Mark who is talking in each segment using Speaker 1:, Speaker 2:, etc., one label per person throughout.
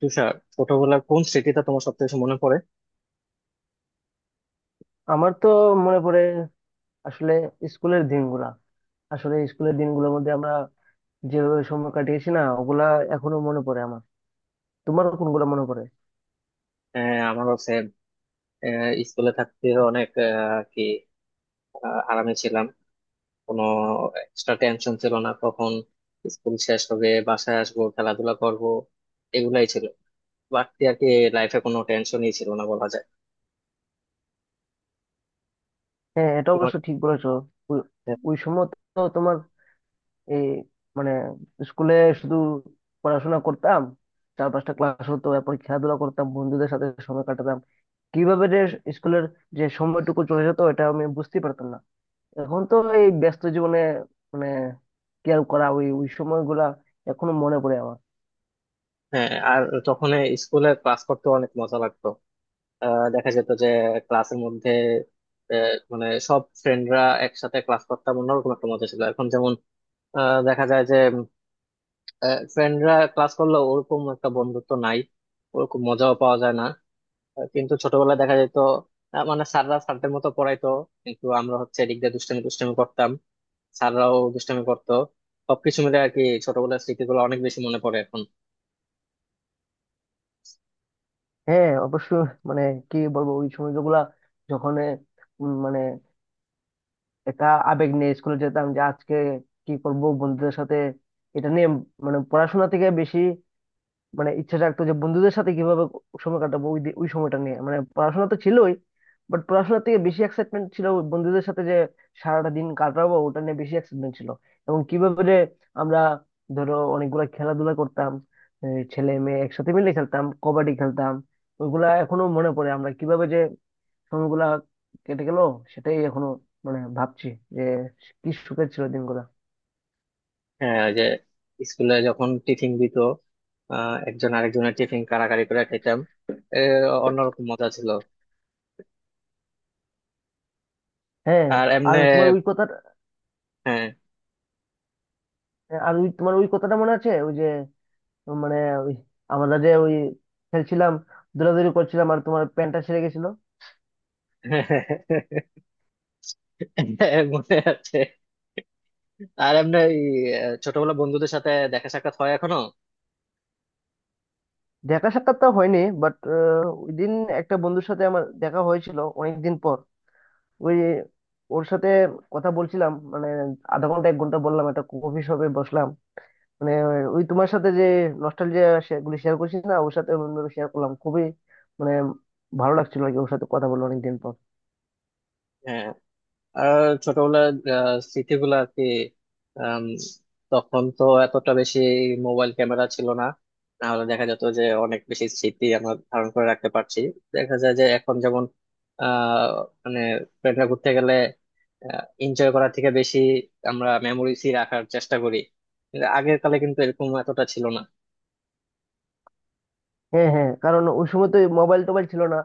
Speaker 1: তুষার, ছোটবেলার কোন স্মৃতিটা তোমার সব থেকে মনে পড়ে?
Speaker 2: আমার তো মনে পড়ে আসলে স্কুলের দিনগুলা। আসলে স্কুলের দিনগুলোর মধ্যে আমরা যেভাবে সময় কাটিয়েছি না, ওগুলা এখনো মনে পড়ে আমার। তোমার কোনগুলো মনে পড়ে?
Speaker 1: আমারও সেম। স্কুলে থাকতে অনেক আরামে ছিলাম, কোনো এক্সট্রা টেনশন ছিল না। কখন স্কুল শেষ হবে, বাসায় আসবো, খেলাধুলা করব, এগুলাই ছিল বাড়তি আর কি। লাইফে কোনো টেনশনই ছিল না বলা যায়।
Speaker 2: হ্যাঁ, এটা
Speaker 1: তোমার।
Speaker 2: অবশ্য ঠিক বলেছো। ওই ওই সময় তো তোমার এই মানে স্কুলে শুধু পড়াশোনা করতাম। চার পাঁচটা ক্লাস হতো, এরপর খেলাধুলা করতাম, বন্ধুদের সাথে সময় কাটাতাম। কিভাবে যে স্কুলের যে সময়টুকু চলে যেত, এটা আমি বুঝতেই পারতাম না। এখন তো এই ব্যস্ত জীবনে মানে কি আর করা, ওই ওই সময়গুলা এখনো মনে পড়ে আমার।
Speaker 1: হ্যাঁ। আর তখন স্কুলে ক্লাস করতে অনেক মজা লাগতো। দেখা যেত যে ক্লাসের মধ্যে মানে সব ফ্রেন্ডরা একসাথে ক্লাস করতাম, অন্যরকম একটা মজা ছিল। এখন যেমন দেখা যায় যে ফ্রেন্ডরা ক্লাস করলেও ওরকম একটা বন্ধুত্ব নাই, ওরকম মজাও পাওয়া যায় না। কিন্তু ছোটবেলায় দেখা যেত, মানে স্যাররা স্যারদের মতো পড়াইতো, কিন্তু আমরা হচ্ছে এদিক দিয়ে দুষ্টামি দুষ্টামি করতাম, স্যাররাও দুষ্টামি করতো। সবকিছু মিলে আর কি ছোটবেলার স্মৃতিগুলো অনেক বেশি মনে পড়ে এখন।
Speaker 2: হ্যাঁ, অবশ্য। মানে কি বলবো, ওই সময়গুলা যখন মানে একা আবেগ নিয়ে স্কুলে যেতাম যে আজকে কি করব বন্ধুদের সাথে, এটা নিয়ে। মানে পড়াশোনা থেকে বেশি, মানে ইচ্ছা রাখতো যে বন্ধুদের সাথে কিভাবে সময় কাটাবো, ওই ওই সময়টা নিয়ে, মানে পড়াশোনা তো ছিলই, বাট পড়াশোনার থেকে বেশি এক্সাইটমেন্ট ছিল ওই বন্ধুদের সাথে যে সারাটা দিন কাটাবো, ওটা নিয়ে বেশি এক্সাইটমেন্ট ছিল। এবং কিভাবে যে আমরা, ধরো, অনেকগুলা খেলাধুলা করতাম, এই ছেলে মেয়ে একসাথে মিলে খেলতাম, কবাডি খেলতাম, ওইগুলা এখনো মনে পড়ে। আমরা কিভাবে যে সময়গুলা কেটে গেল, সেটাই এখনো মানে ভাবছি যে কি সুখের ছিল দিনগুলা।
Speaker 1: হ্যাঁ, ওই যে স্কুলে যখন টিফিন দিত, একজন আরেকজনের টিফিন কাড়াকাড়ি করে খেতাম, এ, অন্যরকম মজা ছিল।
Speaker 2: হ্যাঁ।
Speaker 1: আর
Speaker 2: আর
Speaker 1: এমনি।
Speaker 2: তোমার ওই কথা
Speaker 1: হ্যাঁ।
Speaker 2: আর ওই তোমার ওই কথাটা মনে আছে, ওই যে মানে ওই আমরা যে ওই খেলছিলাম, দৌড়াদৌড়ি করছিলাম আর তোমার প্যান্টটা ছিঁড়ে গেছিল?
Speaker 1: মনে আছে। আর এমনি এই, আহ, ছোটবেলা বন্ধুদের সাথে দেখা সাক্ষাৎ হয় এখনো।
Speaker 2: দেখা সাক্ষাৎ তো হয়নি, বাট ওই দিন একটা বন্ধুর সাথে আমার দেখা হয়েছিল অনেক দিন পর। ওই ওর সাথে কথা বলছিলাম, মানে আধা ঘন্টা 1 ঘন্টা বললাম, একটা কফি শপে বসলাম। মানে ওই তোমার সাথে যে নস্টালজিয়া গুলি শেয়ার করছিস না, ওর সাথে শেয়ার করলাম খুবই, মানে ভালো লাগছিল আর কি, ওর সাথে কথা বললো অনেকদিন পর।
Speaker 1: হ্যাঁ, আর ছোটবেলার স্মৃতিগুলো আর কি। আম, তখন তো এতটা বেশি মোবাইল ক্যামেরা ছিল না, তাহলে দেখা যেত যে অনেক বেশি স্মৃতি আমরা ধারণ করে রাখতে পারছি। দেখা যায় যে এখন যেমন আহ মানে ফ্রেন্ডরা ঘুরতে গেলে এনজয় করার থেকে বেশি আমরা মেমোরিজই রাখার চেষ্টা করি, কিন্তু আগের কালে কিন্তু এরকম এতটা ছিল না।
Speaker 2: হ্যাঁ, হ্যাঁ, কারণ ওই সময় তো মোবাইল টোবাইল ছিল না।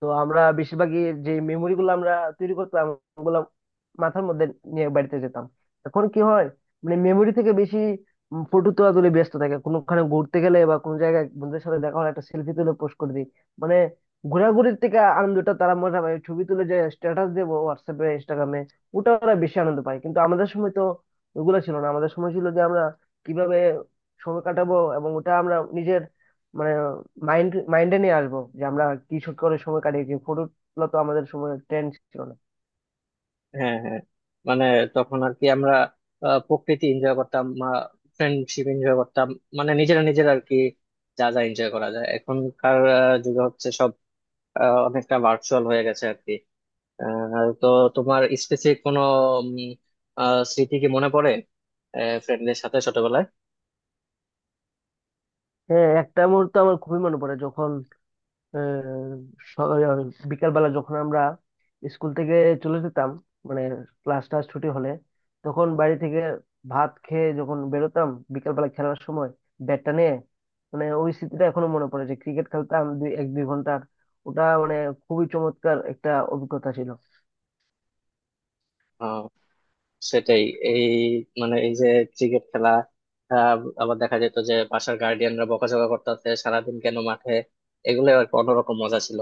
Speaker 2: তো আমরা বেশিরভাগই যে মেমোরি গুলো আমরা তৈরি করতাম, ওগুলো মাথার মধ্যে নিয়ে বাড়িতে যেতাম। এখন কি হয়, মানে মেমোরি থেকে বেশি ফটো তোলা তুলে ব্যস্ত থাকে, কোনোখানে ঘুরতে গেলে বা কোনো জায়গায় বন্ধুদের সাথে দেখা হলে একটা সেলফি তুলে পোস্ট করে দিই। মানে ঘোরাঘুরির থেকে আনন্দটা তারা মজা পায় ছবি তুলে যে স্ট্যাটাস দেবো হোয়াটসঅ্যাপে, ইনস্টাগ্রামে, ওটা ওরা বেশি আনন্দ পায়। কিন্তু আমাদের সময় তো ওগুলো ছিল না, আমাদের সময় ছিল যে আমরা কিভাবে সময় কাটাবো, এবং ওটা আমরা নিজের মানে মাইন্ডে নিয়ে আসবো যে আমরা কি শুট করার সময় কাটিয়েছি। ফটো তোলা তো আমাদের সময় ট্রেন্ড ছিল না।
Speaker 1: হ্যাঁ, হ্যাঁ, মানে তখন আর কি আমরা প্রকৃতি এনজয় করতাম, ফ্রেন্ডশিপ এনজয় করতাম, মানে নিজেরা নিজেরা আর কি যা যা এনজয় করা যায়। এখনকার যুগে হচ্ছে সব অনেকটা ভার্চুয়াল হয়ে গেছে আর কি। তো তোমার স্পেসিফিক কোনো উম, স্মৃতি কি মনে পড়ে ফ্রেন্ডদের সাথে ছোটবেলায়?
Speaker 2: হ্যাঁ, একটা মুহূর্ত আমার খুবই মনে পড়ে যখন আহ, বিকালবেলা যখন আমরা স্কুল থেকে চলে যেতাম, মানে ক্লাস টাস ছুটি হলে, তখন বাড়ি থেকে ভাত খেয়ে যখন বেরোতাম বিকালবেলা খেলার সময় ব্যাটটা নিয়ে, মানে ওই স্মৃতিটা এখনো মনে পড়ে যে ক্রিকেট খেলতাম 1-2 ঘন্টার, ওটা মানে খুবই চমৎকার একটা অভিজ্ঞতা ছিল।
Speaker 1: আহ, সেটাই। এই মানে এই যে ক্রিকেট খেলা, আবার দেখা যেত যে বাসার গার্ডিয়ানরা বকাঝকা করতেছে সারাদিন কেন মাঠে। এগুলো আর কি অন্যরকম মজা ছিল।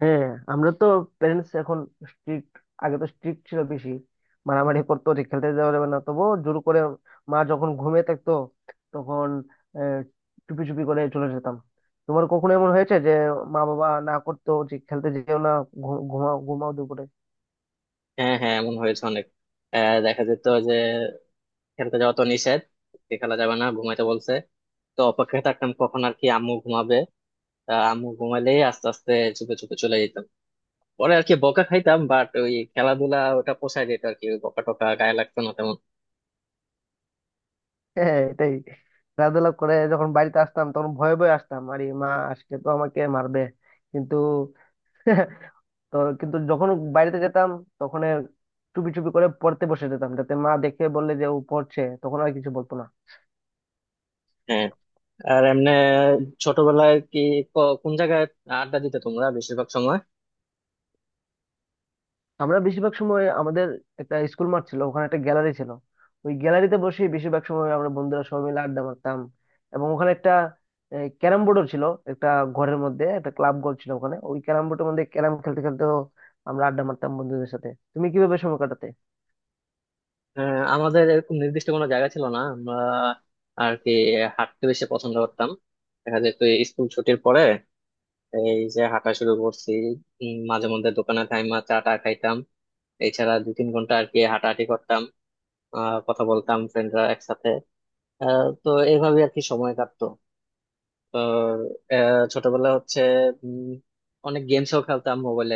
Speaker 2: হ্যাঁ। আমরা তো প্যারেন্টস এখন স্ট্রিক্ট, আগে তো স্ট্রিক্ট ছিল বেশি। মারামারি করতো যে খেলতে দেওয়া যাবে না, তবুও জোর করে মা যখন ঘুমিয়ে থাকতো তখন আহ, চুপি চুপি করে চলে যেতাম। তোমার কখনো এমন হয়েছে যে মা বাবা না করতো যে খেলতে যেও না, ঘুমাও ঘুমাও দুপুরে?
Speaker 1: হ্যাঁ, হ্যাঁ, এমন হয়েছে অনেক। দেখা যেত যে খেলতে যাওয়া তো নিষেধ, যে খেলা যাবে না, ঘুমাইতে বলছে। তো অপেক্ষায় থাকতাম কখন আর কি আম্মু ঘুমাবে। আম্মু ঘুমাইলেই আস্তে আস্তে চুপে চুপে চলে যেতাম। পরে আর কি বকা খাইতাম, বাট ওই খেলাধুলা ওটা পোষায় যেত আর কি, ওই বকা টকা গায়ে লাগতো না তেমন।
Speaker 2: হ্যাঁ, এটাই। খেলাধুলা করে যখন বাড়িতে আসতাম তখন ভয়ে ভয়ে আসতাম, আরে মা আজকে তো আমাকে মারবে। কিন্তু তো কিন্তু যখন বাইরেতে যেতাম তখন চুপি চুপি করে পড়তে বসে যেতাম, যাতে মা দেখে বললে যে ও পড়ছে, তখন আর কিছু বলতো না।
Speaker 1: হ্যাঁ। আর এমনি ছোটবেলায় কি কোন জায়গায় আড্ডা দিতে তোমরা বেশিরভাগ সময়?
Speaker 2: আমরা বেশিরভাগ সময় আমাদের একটা স্কুল মাঠ ছিল, ওখানে একটা গ্যালারি ছিল, ওই গ্যালারিতে বসে বেশিরভাগ সময় আমরা বন্ধুরা সবাই মিলে আড্ডা মারতাম। এবং ওখানে একটা ক্যারাম বোর্ডও ছিল, একটা ঘরের মধ্যে একটা ক্লাব ঘর ছিল, ওখানে ওই ক্যারাম বোর্ডের মধ্যে ক্যারাম খেলতে খেলতে আমরা আড্ডা মারতাম বন্ধুদের সাথে। তুমি কিভাবে সময় কাটাতে?
Speaker 1: আমাদের এরকম নির্দিষ্ট কোনো জায়গা ছিল না, আমরা আর কি হাঁটতে বেশি পছন্দ করতাম। দেখা যেত স্কুল ছুটির পরে এই যে হাঁটা শুরু করছি, মাঝে মধ্যে দোকানে টাইমা চা টা খাইতাম, এছাড়া দু তিন ঘন্টা আর কি হাঁটাহাঁটি করতাম, কথা বলতাম ফ্রেন্ডরা একসাথে। তো এইভাবে আর কি সময় কাটতো। তো ছোটবেলা হচ্ছে, উম, অনেক গেমসও খেলতাম মোবাইলে।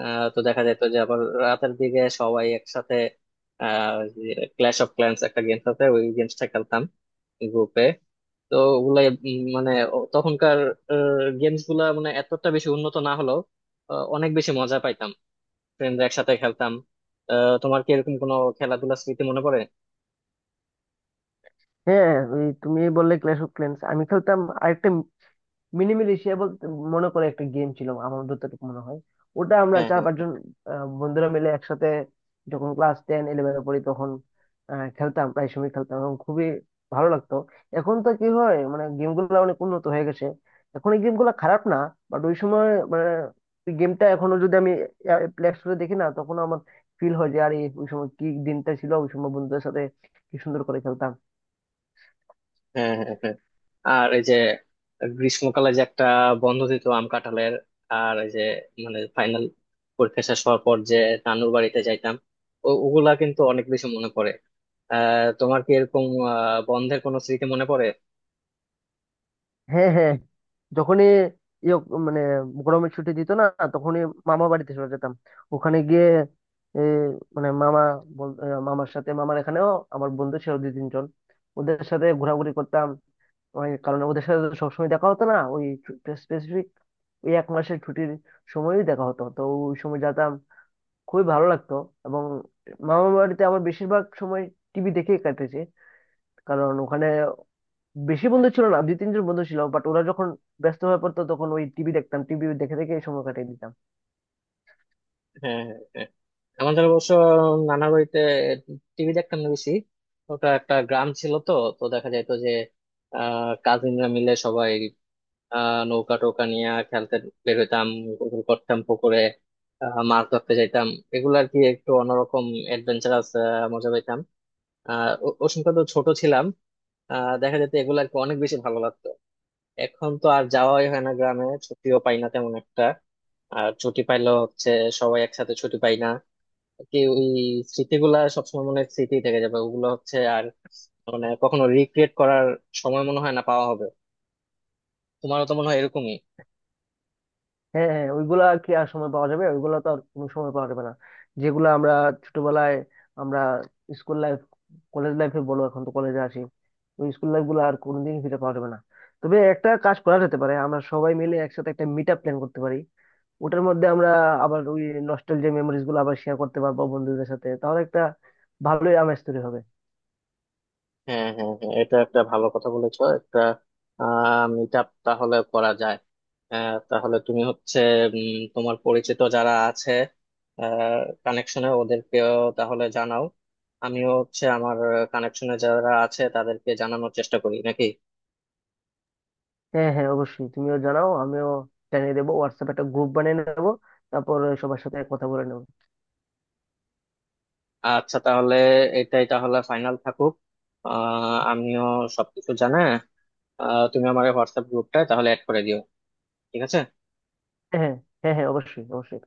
Speaker 1: তো দেখা যেত যে আবার রাতের দিকে সবাই একসাথে ক্ল্যাশ অফ ক্ল্যান্স একটা গেমস আছে, ওই গেমসটা খেলতাম গ্রুপে। তো ওগুলাই তখনকার গেমস গুলা মানে এতটা বেশি উন্নত না হলেও অনেক বেশি মজা পাইতাম, ফ্রেন্ডরা একসাথে খেলতাম। তোমার কি এরকম কোনো খেলাধুলার স্মৃতি মনে পড়ে?
Speaker 2: হ্যাঁ, ওই তুমি বললে ক্ল্যাশ অফ ক্ল্যান্স, আমি খেলতাম আরেকটা মিনিমিল এশিয়া বলতে মনে করে একটা গেম ছিল আমার যতটুকু মনে হয়। ওটা আমরা
Speaker 1: হ্যাঁ, হ্যাঁ,
Speaker 2: চার পাঁচজন বন্ধুরা মিলে একসাথে যখন ক্লাস টেন ইলেভেনে পড়ি তখন খেলতাম, প্রায় সময় খেলতাম এবং খুবই ভালো লাগতো। এখন তো কি হয়, মানে গেমগুলো অনেক উন্নত হয়ে গেছে, এখন এই গেমগুলো খারাপ না, বাট ওই সময় মানে গেমটা এখনো যদি আমি প্লে স্টোরে দেখি না, তখন আমার ফিল হয় যে আরে ওই সময় কি দিনটা ছিল, ওই সময় বন্ধুদের সাথে কি সুন্দর করে খেলতাম।
Speaker 1: হ্যাঁ, হ্যাঁ, হ্যাঁ, হ্যাঁ। আর এই যে গ্রীষ্মকালে যে একটা বন্ধ দিত আম কাঁঠালের, আর এই যে মানে ফাইনাল পরীক্ষা শেষ হওয়ার পর যে নানুর বাড়িতে যাইতাম, ওগুলা কিন্তু অনেক বেশি মনে পড়ে। তোমার কি এরকম বন্ধের কোনো স্মৃতি মনে পড়ে?
Speaker 2: হ্যাঁ, হ্যাঁ। যখনই ইয়ে মানে গরমের ছুটি দিত না, তখনই মামা বাড়িতে চলে যেতাম, ওখানে গিয়ে এ, মানে মামা মামার সাথে, মামার এখানেও আমার বন্ধু ছিল 2-3 জন, ওদের সাথে ঘোরাঘুরি করতাম। ওই কারণ ওদের সাথে তো সবসময় দেখা হতো না, ওই স্পেসিফিক ওই 1 মাসের ছুটির সময়ই দেখা হতো, তো ওই সময় যেতাম, খুবই ভালো লাগতো। এবং মামা বাড়িতে আমার বেশিরভাগ সময় টিভি দেখেই কাটেছে, কারণ ওখানে বেশি বন্ধু ছিল না, দুই তিনজন বন্ধু ছিল, বাট ওরা যখন ব্যস্ত হয়ে পড়তো তখন ওই টিভি দেখতাম, টিভি দেখে দেখে এই সময় কাটিয়ে দিতাম।
Speaker 1: হ্যাঁ, হ্যাঁ, আমাদের অবশ্য নানা বাড়িতে টিভি দেখতাম না বেশি, ওটা একটা গ্রাম ছিল তো। তো দেখা যাইতো যে কাজিনরা মিলে সবাই নৌকা টোকা নিয়ে খেলতে বের হইতাম, গোসল করতাম পুকুরে, মাছ ধরতে যাইতাম। এগুলো আর কি একটু অন্যরকম অ্যাডভেঞ্চারাস মজা পাইতাম। ওই সময় তো ছোট ছিলাম, দেখা যেত এগুলো আর কি অনেক বেশি ভালো লাগতো। এখন তো আর যাওয়াই হয় না গ্রামে, ছুটিও পাই না তেমন একটা। আর ছুটি পাইলেও হচ্ছে সবাই একসাথে ছুটি পাই না। কি ওই স্মৃতিগুলা সবসময় মনে হয় স্মৃতি থেকে যাবে, ওগুলো হচ্ছে আর মানে কখনো রিক্রিয়েট করার সময় মনে হয় না পাওয়া হবে। তোমারও তো মনে হয় এরকমই।
Speaker 2: হ্যাঁ, হ্যাঁ, ওইগুলা কি আর সময় পাওয়া যাবে, ওইগুলা তো আর কোনো সময় পাওয়া যাবে না, যেগুলা আমরা ছোটবেলায়, আমরা স্কুল লাইফ কলেজ লাইফে বলো, এখন তো কলেজে আসি, ওই স্কুল লাইফ গুলো আর কোনোদিন ফিরে পাওয়া যাবে না। তবে একটা কাজ করা যেতে পারে, আমরা সবাই মিলে একসাথে একটা মিট আপ প্ল্যান করতে পারি, ওটার মধ্যে আমরা আবার ওই নস্টালজিয়া মেমোরিজ গুলো আবার শেয়ার করতে পারবো বন্ধুদের সাথে, তাহলে একটা ভালোই আমেজ তৈরি হবে।
Speaker 1: হ্যাঁ, হ্যাঁ, হ্যাঁ, এটা একটা ভালো কথা বলেছো। একটা মিট আপ তাহলে করা যায়। তাহলে তুমি হচ্ছে তোমার পরিচিত যারা আছে কানেকশনে ওদেরকেও তাহলে জানাও, আমিও হচ্ছে আমার কানেকশনে যারা আছে তাদেরকে জানানোর চেষ্টা করি নাকি।
Speaker 2: হ্যাঁ, হ্যাঁ, অবশ্যই, তুমিও জানাও, আমিও জানিয়ে দেবো, হোয়াটসঅ্যাপ একটা গ্রুপ বানিয়ে নেবো, তারপর সবার সাথে কথা বলে নেবো।
Speaker 1: আচ্ছা, তাহলে এটাই তাহলে ফাইনাল থাকুক। আমিও সবকিছু জানা। তুমি আমার হোয়াটসঅ্যাপ গ্রুপটায় তাহলে অ্যাড করে দিও। ঠিক আছে।
Speaker 2: হ্যাঁ, হ্যাঁ। হ্যাঁ, হ্যাঁ, অবশ্যই, অবশ্যই।